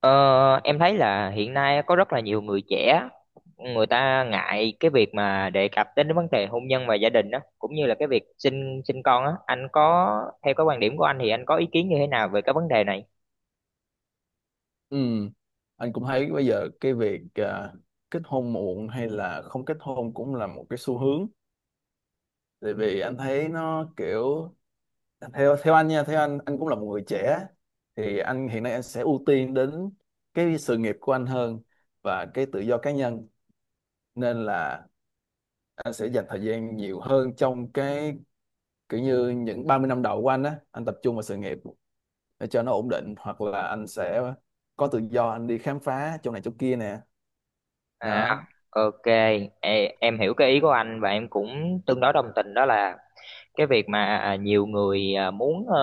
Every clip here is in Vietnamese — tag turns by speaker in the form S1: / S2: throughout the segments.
S1: Ờ, em thấy là hiện nay có rất là nhiều người trẻ người ta ngại cái việc mà đề cập đến vấn đề hôn nhân và gia đình đó, cũng như là cái việc sinh sinh con á. Anh có, theo cái quan điểm của anh thì anh có ý kiến như thế nào về cái vấn đề này?
S2: Ừ, anh cũng thấy bây giờ cái việc kết hôn muộn hay là không kết hôn cũng là một cái xu hướng. Tại vì anh thấy nó kiểu, theo theo anh nha, theo anh cũng là một người trẻ, thì anh hiện nay anh sẽ ưu tiên đến cái sự nghiệp của anh hơn và cái tự do cá nhân, nên là anh sẽ dành thời gian nhiều hơn trong cái, kiểu như những 30 năm đầu của anh á, anh tập trung vào sự nghiệp để cho nó ổn định, hoặc là anh sẽ có tự do, anh đi khám phá chỗ này chỗ kia nè.
S1: À,
S2: Đó.
S1: ok. Ê, em hiểu cái ý của anh và em cũng tương đối đồng tình, đó là cái việc mà nhiều người muốn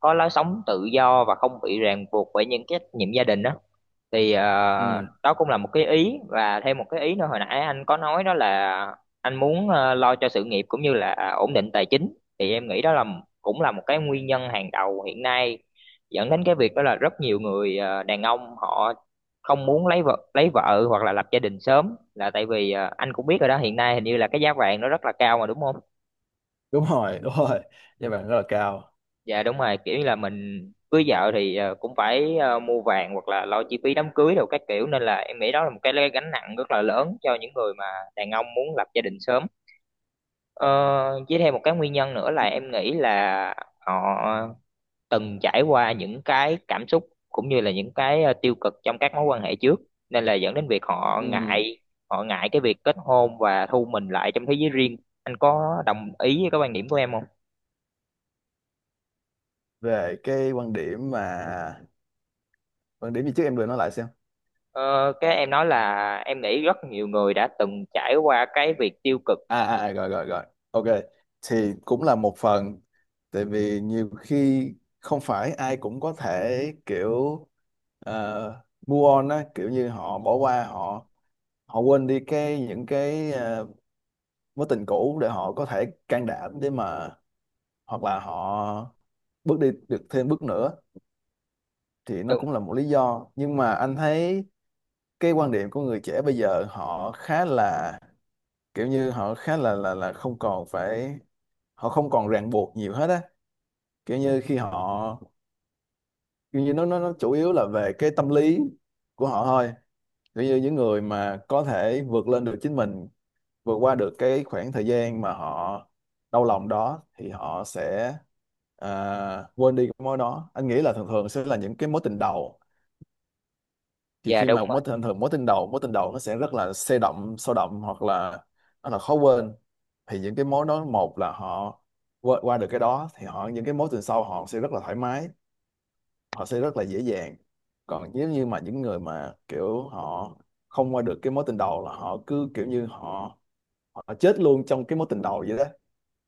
S1: có lối sống tự do và không bị ràng buộc bởi những cái trách nhiệm gia đình đó, thì
S2: Ừ.
S1: đó cũng là một cái ý. Và thêm một cái ý nữa hồi nãy anh có nói đó là anh muốn lo cho sự nghiệp cũng như là ổn định tài chính, thì em nghĩ đó là cũng là một cái nguyên nhân hàng đầu hiện nay dẫn đến cái việc đó là rất nhiều người đàn ông họ không muốn lấy vợ hoặc là lập gia đình sớm, là tại vì anh cũng biết rồi đó, hiện nay hình như là cái giá vàng nó rất là cao mà, đúng không?
S2: Đúng rồi, đúng rồi, giá vàng rất là cao.
S1: Dạ đúng rồi, kiểu như là mình cưới vợ thì cũng phải mua vàng hoặc là lo chi phí đám cưới đồ các kiểu, nên là em nghĩ đó là một cái gánh nặng rất là lớn cho những người mà đàn ông muốn lập gia đình sớm. ờ, với thêm một cái nguyên nhân nữa là em nghĩ là họ từng trải qua những cái cảm xúc cũng như là những cái tiêu cực trong các mối quan hệ trước, nên là dẫn đến việc họ
S2: Ừ.
S1: ngại, họ ngại cái việc kết hôn và thu mình lại trong thế giới riêng. Anh có đồng ý với cái quan điểm của em không?
S2: Về cái quan điểm mà, quan điểm gì trước? Em vừa nói lại xem.
S1: Ờ, cái em nói là em nghĩ rất nhiều người đã từng trải qua cái việc tiêu cực.
S2: Rồi, rồi, rồi. OK. Thì cũng là một phần, tại vì nhiều khi không phải ai cũng có thể, kiểu, move on á, kiểu như họ bỏ qua, họ họ quên đi cái, những cái mối tình cũ, để họ có thể can đảm để mà, hoặc là họ bước đi được thêm bước nữa, thì nó
S1: Đúng.
S2: cũng là một lý do, nhưng mà anh thấy cái quan điểm của người trẻ bây giờ, họ khá là, kiểu như họ khá là không còn phải, họ không còn ràng buộc nhiều hết á, kiểu như khi họ, kiểu như nó chủ yếu là về cái tâm lý của họ thôi, kiểu như những người mà có thể vượt lên được chính mình, vượt qua được cái khoảng thời gian mà họ đau lòng đó, thì họ sẽ quên đi cái mối đó. Anh nghĩ là thường thường sẽ là những cái mối tình đầu, thì
S1: Dạ
S2: khi
S1: đúng
S2: mà
S1: rồi.
S2: mối tình thường mối tình đầu nó sẽ rất là sôi động, sôi động, hoặc là nó là khó quên, thì những cái mối đó, một là họ qua được cái đó thì họ, những cái mối tình sau họ sẽ rất là thoải mái, họ sẽ rất là dễ dàng, còn nếu như mà những người mà kiểu họ không qua được cái mối tình đầu, là họ cứ kiểu như họ họ chết luôn trong cái mối tình đầu vậy đó,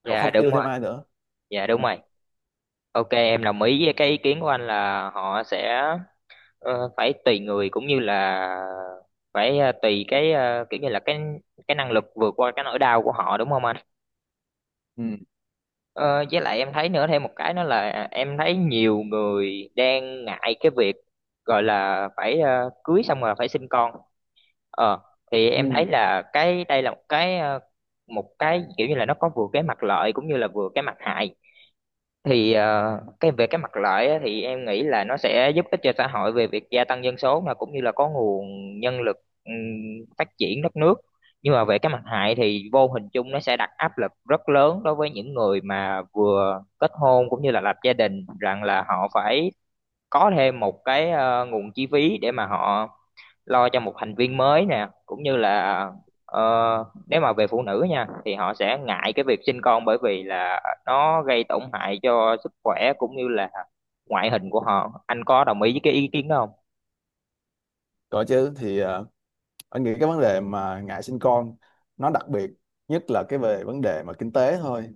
S2: họ
S1: Dạ
S2: không
S1: đúng
S2: yêu
S1: rồi.
S2: thêm ai nữa.
S1: Dạ đúng
S2: Ừ.
S1: rồi, ok, em đồng ý với cái ý kiến của anh là họ sẽ phải tùy người, cũng như là phải tùy cái kiểu như là cái năng lực vượt qua cái nỗi đau của họ, đúng không anh?
S2: Ừ.
S1: Ờ, với lại em thấy nữa, thêm một cái nữa là em thấy nhiều người đang ngại cái việc gọi là phải cưới xong rồi phải sinh con. Ờ, thì em
S2: Ừ.
S1: thấy là cái đây là một cái một cái kiểu như là nó có vừa cái mặt lợi cũng như là vừa cái mặt hại. Thì cái về cái mặt lợi á, thì em nghĩ là nó sẽ giúp ích cho xã hội về việc gia tăng dân số, mà cũng như là có nguồn nhân lực, ừm, phát triển đất nước. Nhưng mà về cái mặt hại thì vô hình chung nó sẽ đặt áp lực rất lớn đối với những người mà vừa kết hôn cũng như là lập gia đình, rằng là họ phải có thêm một cái nguồn chi phí để mà họ lo cho một thành viên mới nè, cũng như là ờ, nếu mà về phụ nữ nha thì họ sẽ ngại cái việc sinh con, bởi vì là nó gây tổn hại cho sức khỏe cũng như là ngoại hình của họ. Anh có đồng ý với cái ý kiến đó không?
S2: Còn chứ thì, anh nghĩ cái vấn đề mà ngại sinh con, nó đặc biệt, nhất là cái về vấn đề mà kinh tế thôi,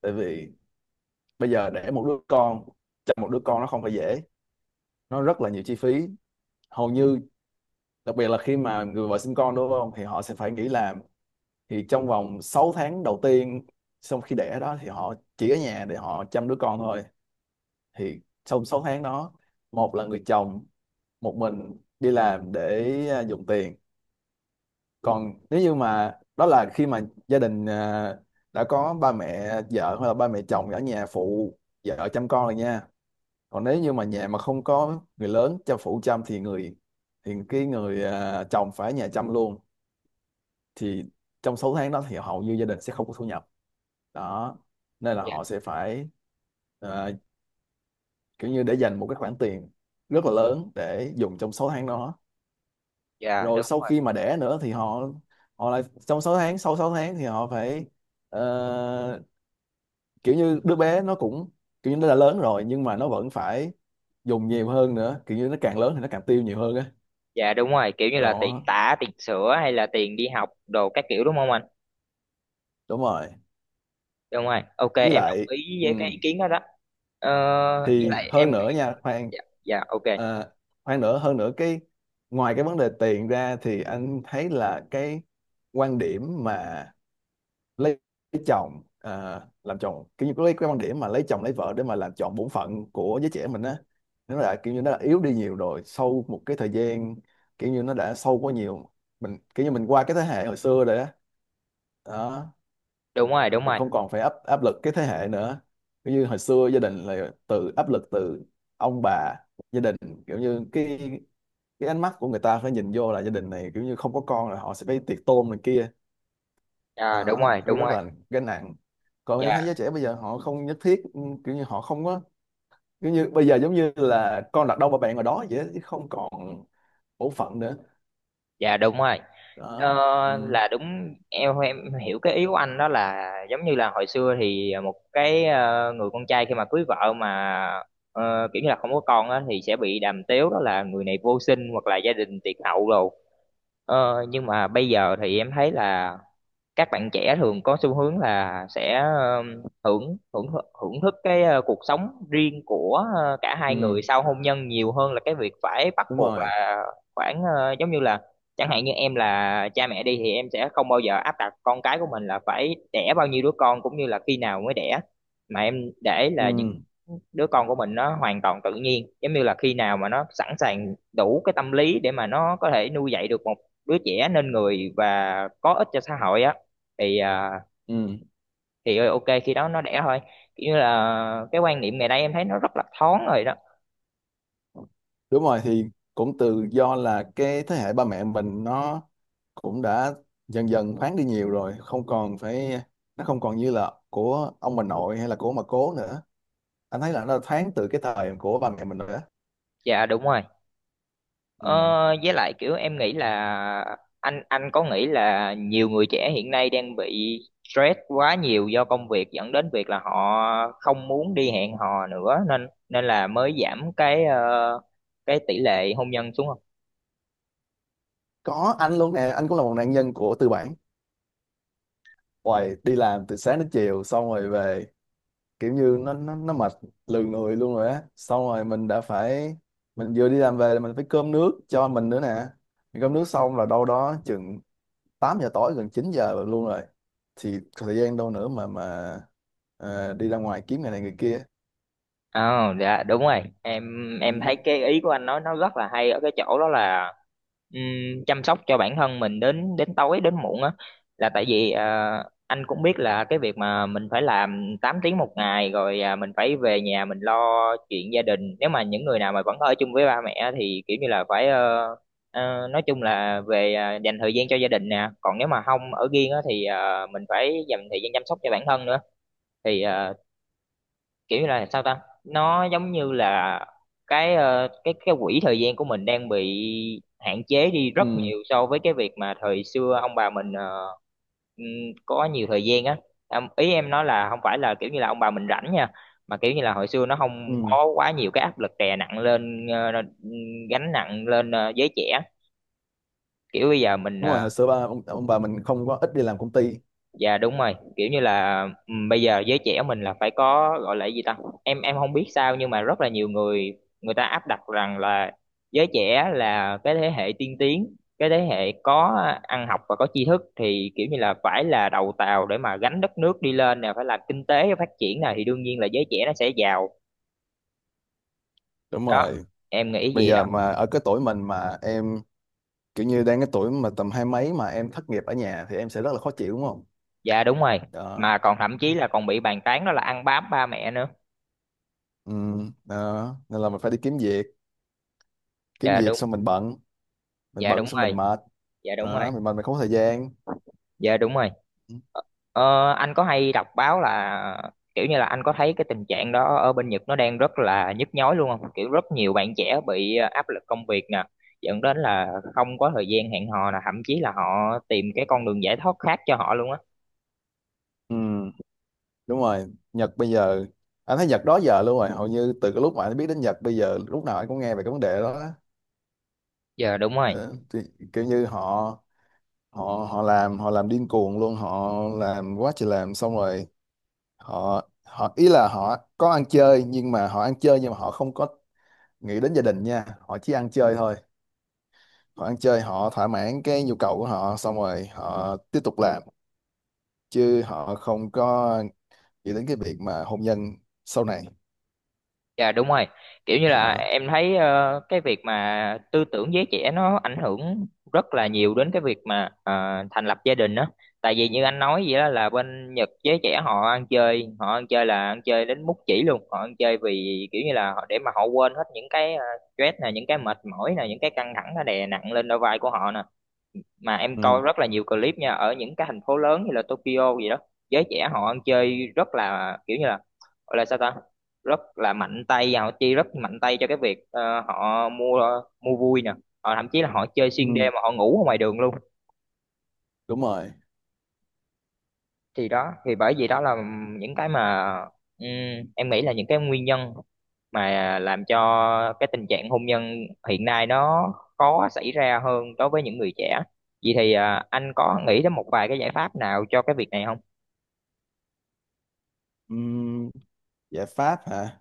S2: tại vì bây giờ đẻ một đứa con, chăm một đứa con nó không phải dễ, nó rất là nhiều chi phí, hầu như, đặc biệt là khi mà người vợ sinh con đúng không, thì họ sẽ phải nghỉ làm. Thì trong vòng 6 tháng đầu tiên sau khi đẻ đó, thì họ chỉ ở nhà để họ chăm đứa con thôi. Thì trong 6 tháng đó, một là người chồng một mình đi làm để, dùng tiền, còn nếu như mà đó, là khi mà gia đình đã có ba mẹ vợ hoặc là ba mẹ chồng ở nhà phụ vợ chăm con rồi nha, còn nếu như mà nhà mà không có người lớn cho phụ chăm, thì cái người, chồng phải ở nhà chăm luôn. Thì trong 6 tháng đó thì hầu như gia đình sẽ không có thu nhập. Đó nên là
S1: Dạ.
S2: họ sẽ phải, à, kiểu như để dành một cái khoản tiền rất là lớn để dùng trong 6 tháng đó.
S1: Dạ
S2: Rồi
S1: đúng
S2: sau
S1: rồi.
S2: khi mà đẻ nữa thì họ họ lại, trong 6 tháng sau 6 tháng thì họ phải, ờ, kiểu như đứa bé nó cũng kiểu như nó đã lớn rồi nhưng mà nó vẫn phải dùng nhiều hơn nữa, kiểu như nó càng lớn thì nó càng tiêu nhiều hơn á.
S1: Dạ đúng rồi, kiểu như là tiền
S2: Đó.
S1: tả, tiền sữa hay là tiền đi học đồ các kiểu, đúng không anh?
S2: Đúng rồi.
S1: Đúng rồi, ok,
S2: Với
S1: em đồng
S2: lại,
S1: ý
S2: ừ,
S1: với cái ý kiến đó đó. ờ, với
S2: thì
S1: lại em,
S2: hơn nữa nha, khoan,
S1: dạ, dạ ok.
S2: à, khoan nữa, hơn nữa cái, ngoài cái vấn đề tiền ra, thì anh thấy là cái quan điểm mà lấy, lấy chồng, làm chồng, kiểu như cái quan điểm mà lấy chồng lấy vợ để mà làm chọn bổn phận của giới trẻ mình á, nó là kiểu như nó đã yếu đi nhiều rồi sau một cái thời gian, kiểu như nó đã sâu quá nhiều, mình kiểu như mình qua cái thế hệ hồi xưa rồi á. Đó.
S1: Đúng rồi, đúng
S2: Mình
S1: rồi.
S2: không còn phải áp áp lực cái thế hệ nữa, kiểu như hồi xưa gia đình là từ áp lực, từ ông bà, gia đình, kiểu như cái ánh mắt của người ta phải nhìn vô là gia đình này, kiểu như không có con là họ sẽ phải tiệc tôn này kia.
S1: Dạ đúng
S2: Đó
S1: rồi, đúng rồi.
S2: rất là gánh nặng. Còn em
S1: Dạ.
S2: thấy giới trẻ bây giờ họ không nhất thiết, kiểu như họ không có, kiểu như bây giờ giống như là con đặt đâu mà bạn ở đó vậy đó, chứ không còn bổn phận nữa.
S1: Dạ đúng rồi.
S2: Đó.
S1: Ờ,
S2: Ừ.
S1: là đúng, em hiểu cái ý của anh đó là giống như là hồi xưa thì một cái người con trai khi mà cưới vợ mà kiểu như là không có con á thì sẽ bị đàm tiếu đó là người này vô sinh hoặc là gia đình tiệt hậu rồi. Ờ, nhưng mà bây giờ thì em thấy là các bạn trẻ thường có xu hướng là sẽ hưởng hưởng hưởng thức cái cuộc sống riêng của cả hai người
S2: Ừ.
S1: sau hôn nhân, nhiều hơn là cái việc phải bắt
S2: Đúng
S1: buộc
S2: rồi.
S1: là khoảng giống như là, chẳng hạn như em là cha mẹ đi thì em sẽ không bao giờ áp đặt con cái của mình là phải đẻ bao nhiêu đứa con, cũng như là khi nào mới đẻ, mà em để là những
S2: Ừ.
S1: đứa con của mình nó hoàn toàn tự nhiên, giống như là khi nào mà nó sẵn sàng đủ cái tâm lý để mà nó có thể nuôi dạy được một đứa trẻ nên người và có ích cho xã hội á thì
S2: Ừ.
S1: thì ok khi đó nó đẻ thôi, kiểu như là cái quan niệm ngày nay em thấy nó rất là thoáng rồi đó.
S2: Đúng rồi, thì cũng từ do là cái thế hệ ba mẹ mình nó cũng đã dần dần thoáng đi nhiều rồi, không còn phải, nó không còn như là của ông bà nội hay là của ông bà cố nữa. Anh thấy là nó thoáng từ cái thời của ba mẹ mình rồi đó.
S1: Dạ đúng rồi.
S2: Ừ.
S1: ờ, với lại kiểu em nghĩ là anh có nghĩ là nhiều người trẻ hiện nay đang bị stress quá nhiều do công việc dẫn đến việc là họ không muốn đi hẹn hò nữa, nên nên là mới giảm cái cái tỷ lệ hôn nhân xuống?
S2: Có anh luôn nè, anh cũng là một nạn nhân của tư bản hoài, đi làm từ sáng đến chiều xong rồi về, kiểu như nó mệt lừ người luôn rồi á, xong rồi mình đã phải, mình vừa đi làm về là mình phải cơm nước cho mình nữa nè, cơm nước xong là đâu đó chừng 8 giờ tối gần 9 giờ luôn rồi, thì có thời gian đâu nữa mà đi ra ngoài kiếm người này người kia.
S1: Ờ, dạ đúng rồi. Em thấy
S2: Ừ.
S1: cái ý của anh nói nó rất là hay ở cái chỗ đó là chăm sóc cho bản thân mình đến đến tối đến muộn á, là tại vì anh cũng biết là cái việc mà mình phải làm 8 tiếng một ngày rồi, mình phải về nhà mình lo chuyện gia đình. Nếu mà những người nào mà vẫn ở chung với ba mẹ á, thì kiểu như là phải nói chung là về, dành thời gian cho gia đình nè. Còn nếu mà không ở riêng á thì mình phải dành thời gian chăm sóc cho bản thân nữa. Thì kiểu như là sao ta, nó giống như là cái cái quỹ thời gian của mình đang bị hạn chế đi rất
S2: Ừ.
S1: nhiều so với cái việc mà thời xưa ông bà mình ừm, có nhiều thời gian á. Em- ý em nói là không phải là kiểu như là ông bà mình rảnh nha, mà kiểu như là hồi xưa nó không
S2: Ừ.
S1: có quá nhiều cái áp lực đè nặng lên gánh nặng lên giới trẻ, kiểu bây giờ mình
S2: Đúng rồi, hồi xưa ông bà mình không có ít đi làm công ty.
S1: dạ đúng rồi, kiểu như là bây giờ giới trẻ mình là phải có gọi là cái gì ta? Em không biết sao nhưng mà rất là nhiều người người ta áp đặt rằng là giới trẻ là cái thế hệ tiên tiến, cái thế hệ có ăn học và có tri thức, thì kiểu như là phải là đầu tàu để mà gánh đất nước đi lên nè, phải làm kinh tế phát triển nè, thì đương nhiên là giới trẻ nó sẽ giàu.
S2: Đúng
S1: Đó,
S2: rồi,
S1: em nghĩ
S2: bây
S1: vậy đó.
S2: giờ mà ở cái tuổi mình mà em, kiểu như đang cái tuổi mà tầm hai mấy mà em thất nghiệp ở nhà thì em sẽ rất là khó chịu, đúng không?
S1: Dạ đúng rồi. Mà
S2: Đó.
S1: còn thậm chí là còn bị bàn tán đó là ăn bám ba mẹ nữa.
S2: Ừ. Đó nên là mình phải đi kiếm việc, kiếm
S1: Dạ
S2: việc
S1: đúng.
S2: xong mình bận, mình
S1: Dạ
S2: bận
S1: đúng
S2: xong
S1: rồi.
S2: mình mệt.
S1: Dạ đúng rồi.
S2: Đó, mình mệt mình không có thời gian.
S1: Dạ đúng rồi. Ờ, anh có hay đọc báo là kiểu như là anh có thấy cái tình trạng đó ở bên Nhật nó đang rất là nhức nhối luôn không? Kiểu rất nhiều bạn trẻ bị áp lực công việc nè, dẫn đến là không có thời gian hẹn hò nè, thậm chí là họ tìm cái con đường giải thoát khác cho họ luôn á.
S2: Ừ. Đúng rồi, Nhật bây giờ, anh thấy Nhật đó giờ luôn rồi, hầu như từ cái lúc mà anh biết đến Nhật bây giờ lúc nào anh cũng nghe về cái vấn đề đó.
S1: Giờ đúng rồi.
S2: Ờ, thì, kiểu như họ họ họ làm, họ làm điên cuồng luôn, họ làm quá trời làm xong rồi, họ họ ý là họ có ăn chơi, nhưng mà họ ăn chơi, nhưng mà họ không có nghĩ đến gia đình nha, họ chỉ ăn chơi thôi, họ ăn chơi họ thỏa mãn cái nhu cầu của họ xong rồi họ tiếp tục làm, chứ họ không có nghĩ đến cái việc mà hôn nhân sau này.
S1: Dạ đúng rồi. Kiểu như là
S2: Ờ.
S1: em thấy cái việc mà tư tưởng giới trẻ nó ảnh hưởng rất là nhiều đến cái việc mà thành lập gia đình đó. Tại vì như anh nói vậy đó là bên Nhật giới trẻ họ ăn chơi là ăn chơi đến mút chỉ luôn. Họ ăn chơi vì kiểu như là họ để mà họ quên hết những cái stress nè, những cái mệt mỏi nè, những cái căng thẳng nó đè nặng lên đôi vai của họ nè, mà em coi
S2: Ừ.
S1: rất là nhiều clip nha ở những cái thành phố lớn như là Tokyo gì đó, giới trẻ họ ăn chơi rất là kiểu như là, gọi là sao ta, rất là mạnh tay, và họ chi rất mạnh tay cho cái việc họ mua mua vui nè, họ thậm chí là họ chơi xuyên
S2: Ừ.
S1: đêm mà họ ngủ ở ngoài đường luôn.
S2: Đúng rồi.
S1: Thì đó, thì bởi vì đó là những cái mà ừm, em nghĩ là những cái nguyên nhân mà làm cho cái tình trạng hôn nhân hiện nay nó khó xảy ra hơn đối với những người trẻ. Vậy thì anh có nghĩ đến một vài cái giải pháp nào cho cái việc này không,
S2: Ừm, giải pháp hả?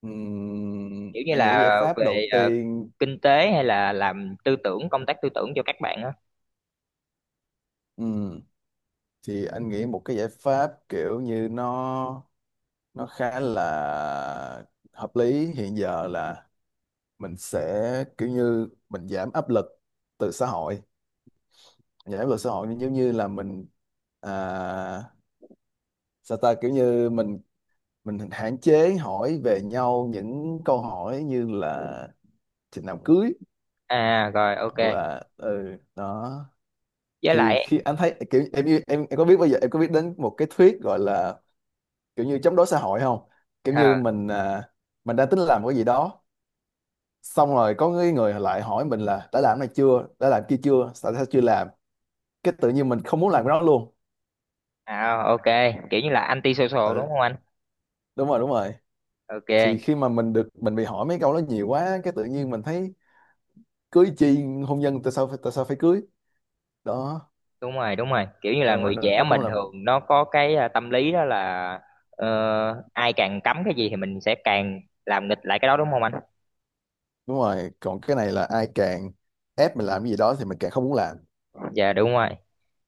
S2: Ừm,
S1: kiểu như
S2: anh nghĩ
S1: là
S2: giải pháp
S1: về
S2: đầu tiên,
S1: kinh tế hay là làm tư tưởng công tác tư tưởng cho các bạn á?
S2: ừm, thì anh nghĩ một cái giải pháp kiểu như nó khá là hợp lý hiện giờ là mình sẽ kiểu như mình giảm áp lực từ xã hội, giảm áp lực xã hội, giống như là mình, à, sao ta, kiểu như mình hạn chế hỏi về nhau những câu hỏi như là chừng nào cưới,
S1: À rồi, ok.
S2: hoặc là ừ, đó.
S1: Với
S2: Thì
S1: lại,
S2: khi anh thấy kiểu, em có biết bây giờ, em có biết đến một cái thuyết gọi là kiểu như chống đối xã hội không? Kiểu như
S1: à,
S2: mình, mình đang tính làm cái gì đó, xong rồi có người người lại hỏi mình là đã làm này chưa, đã làm kia chưa, tại sao chưa làm, cái tự nhiên mình không muốn làm cái đó luôn.
S1: à ok, kiểu như là anti social
S2: Ừ.
S1: đúng không anh?
S2: Đúng rồi, đúng rồi,
S1: Ok.
S2: thì khi mà mình được, mình bị hỏi mấy câu đó nhiều quá, cái tự nhiên mình thấy, cưới chi, hôn nhân, tại sao phải cưới? Đó.
S1: Đúng rồi, đúng rồi, kiểu như là
S2: Đúng rồi,
S1: người
S2: nó,
S1: trẻ
S2: nó cũng
S1: mình
S2: là một.
S1: thường nó có cái tâm lý đó là ờ, ai càng cấm cái gì thì mình sẽ càng làm nghịch lại cái đó, đúng không anh?
S2: Đúng rồi, còn cái này là ai càng ép mình làm cái gì đó thì mình càng không muốn làm.
S1: Dạ đúng rồi.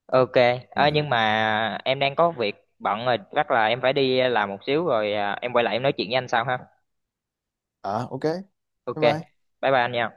S1: Ok. Ơ nhưng
S2: Ừ.
S1: mà em đang có việc bận rồi, chắc là em phải đi làm một xíu rồi, em quay lại em nói chuyện với anh sau ha.
S2: OK. Bye
S1: Ok.
S2: bye.
S1: Bye bye anh nha.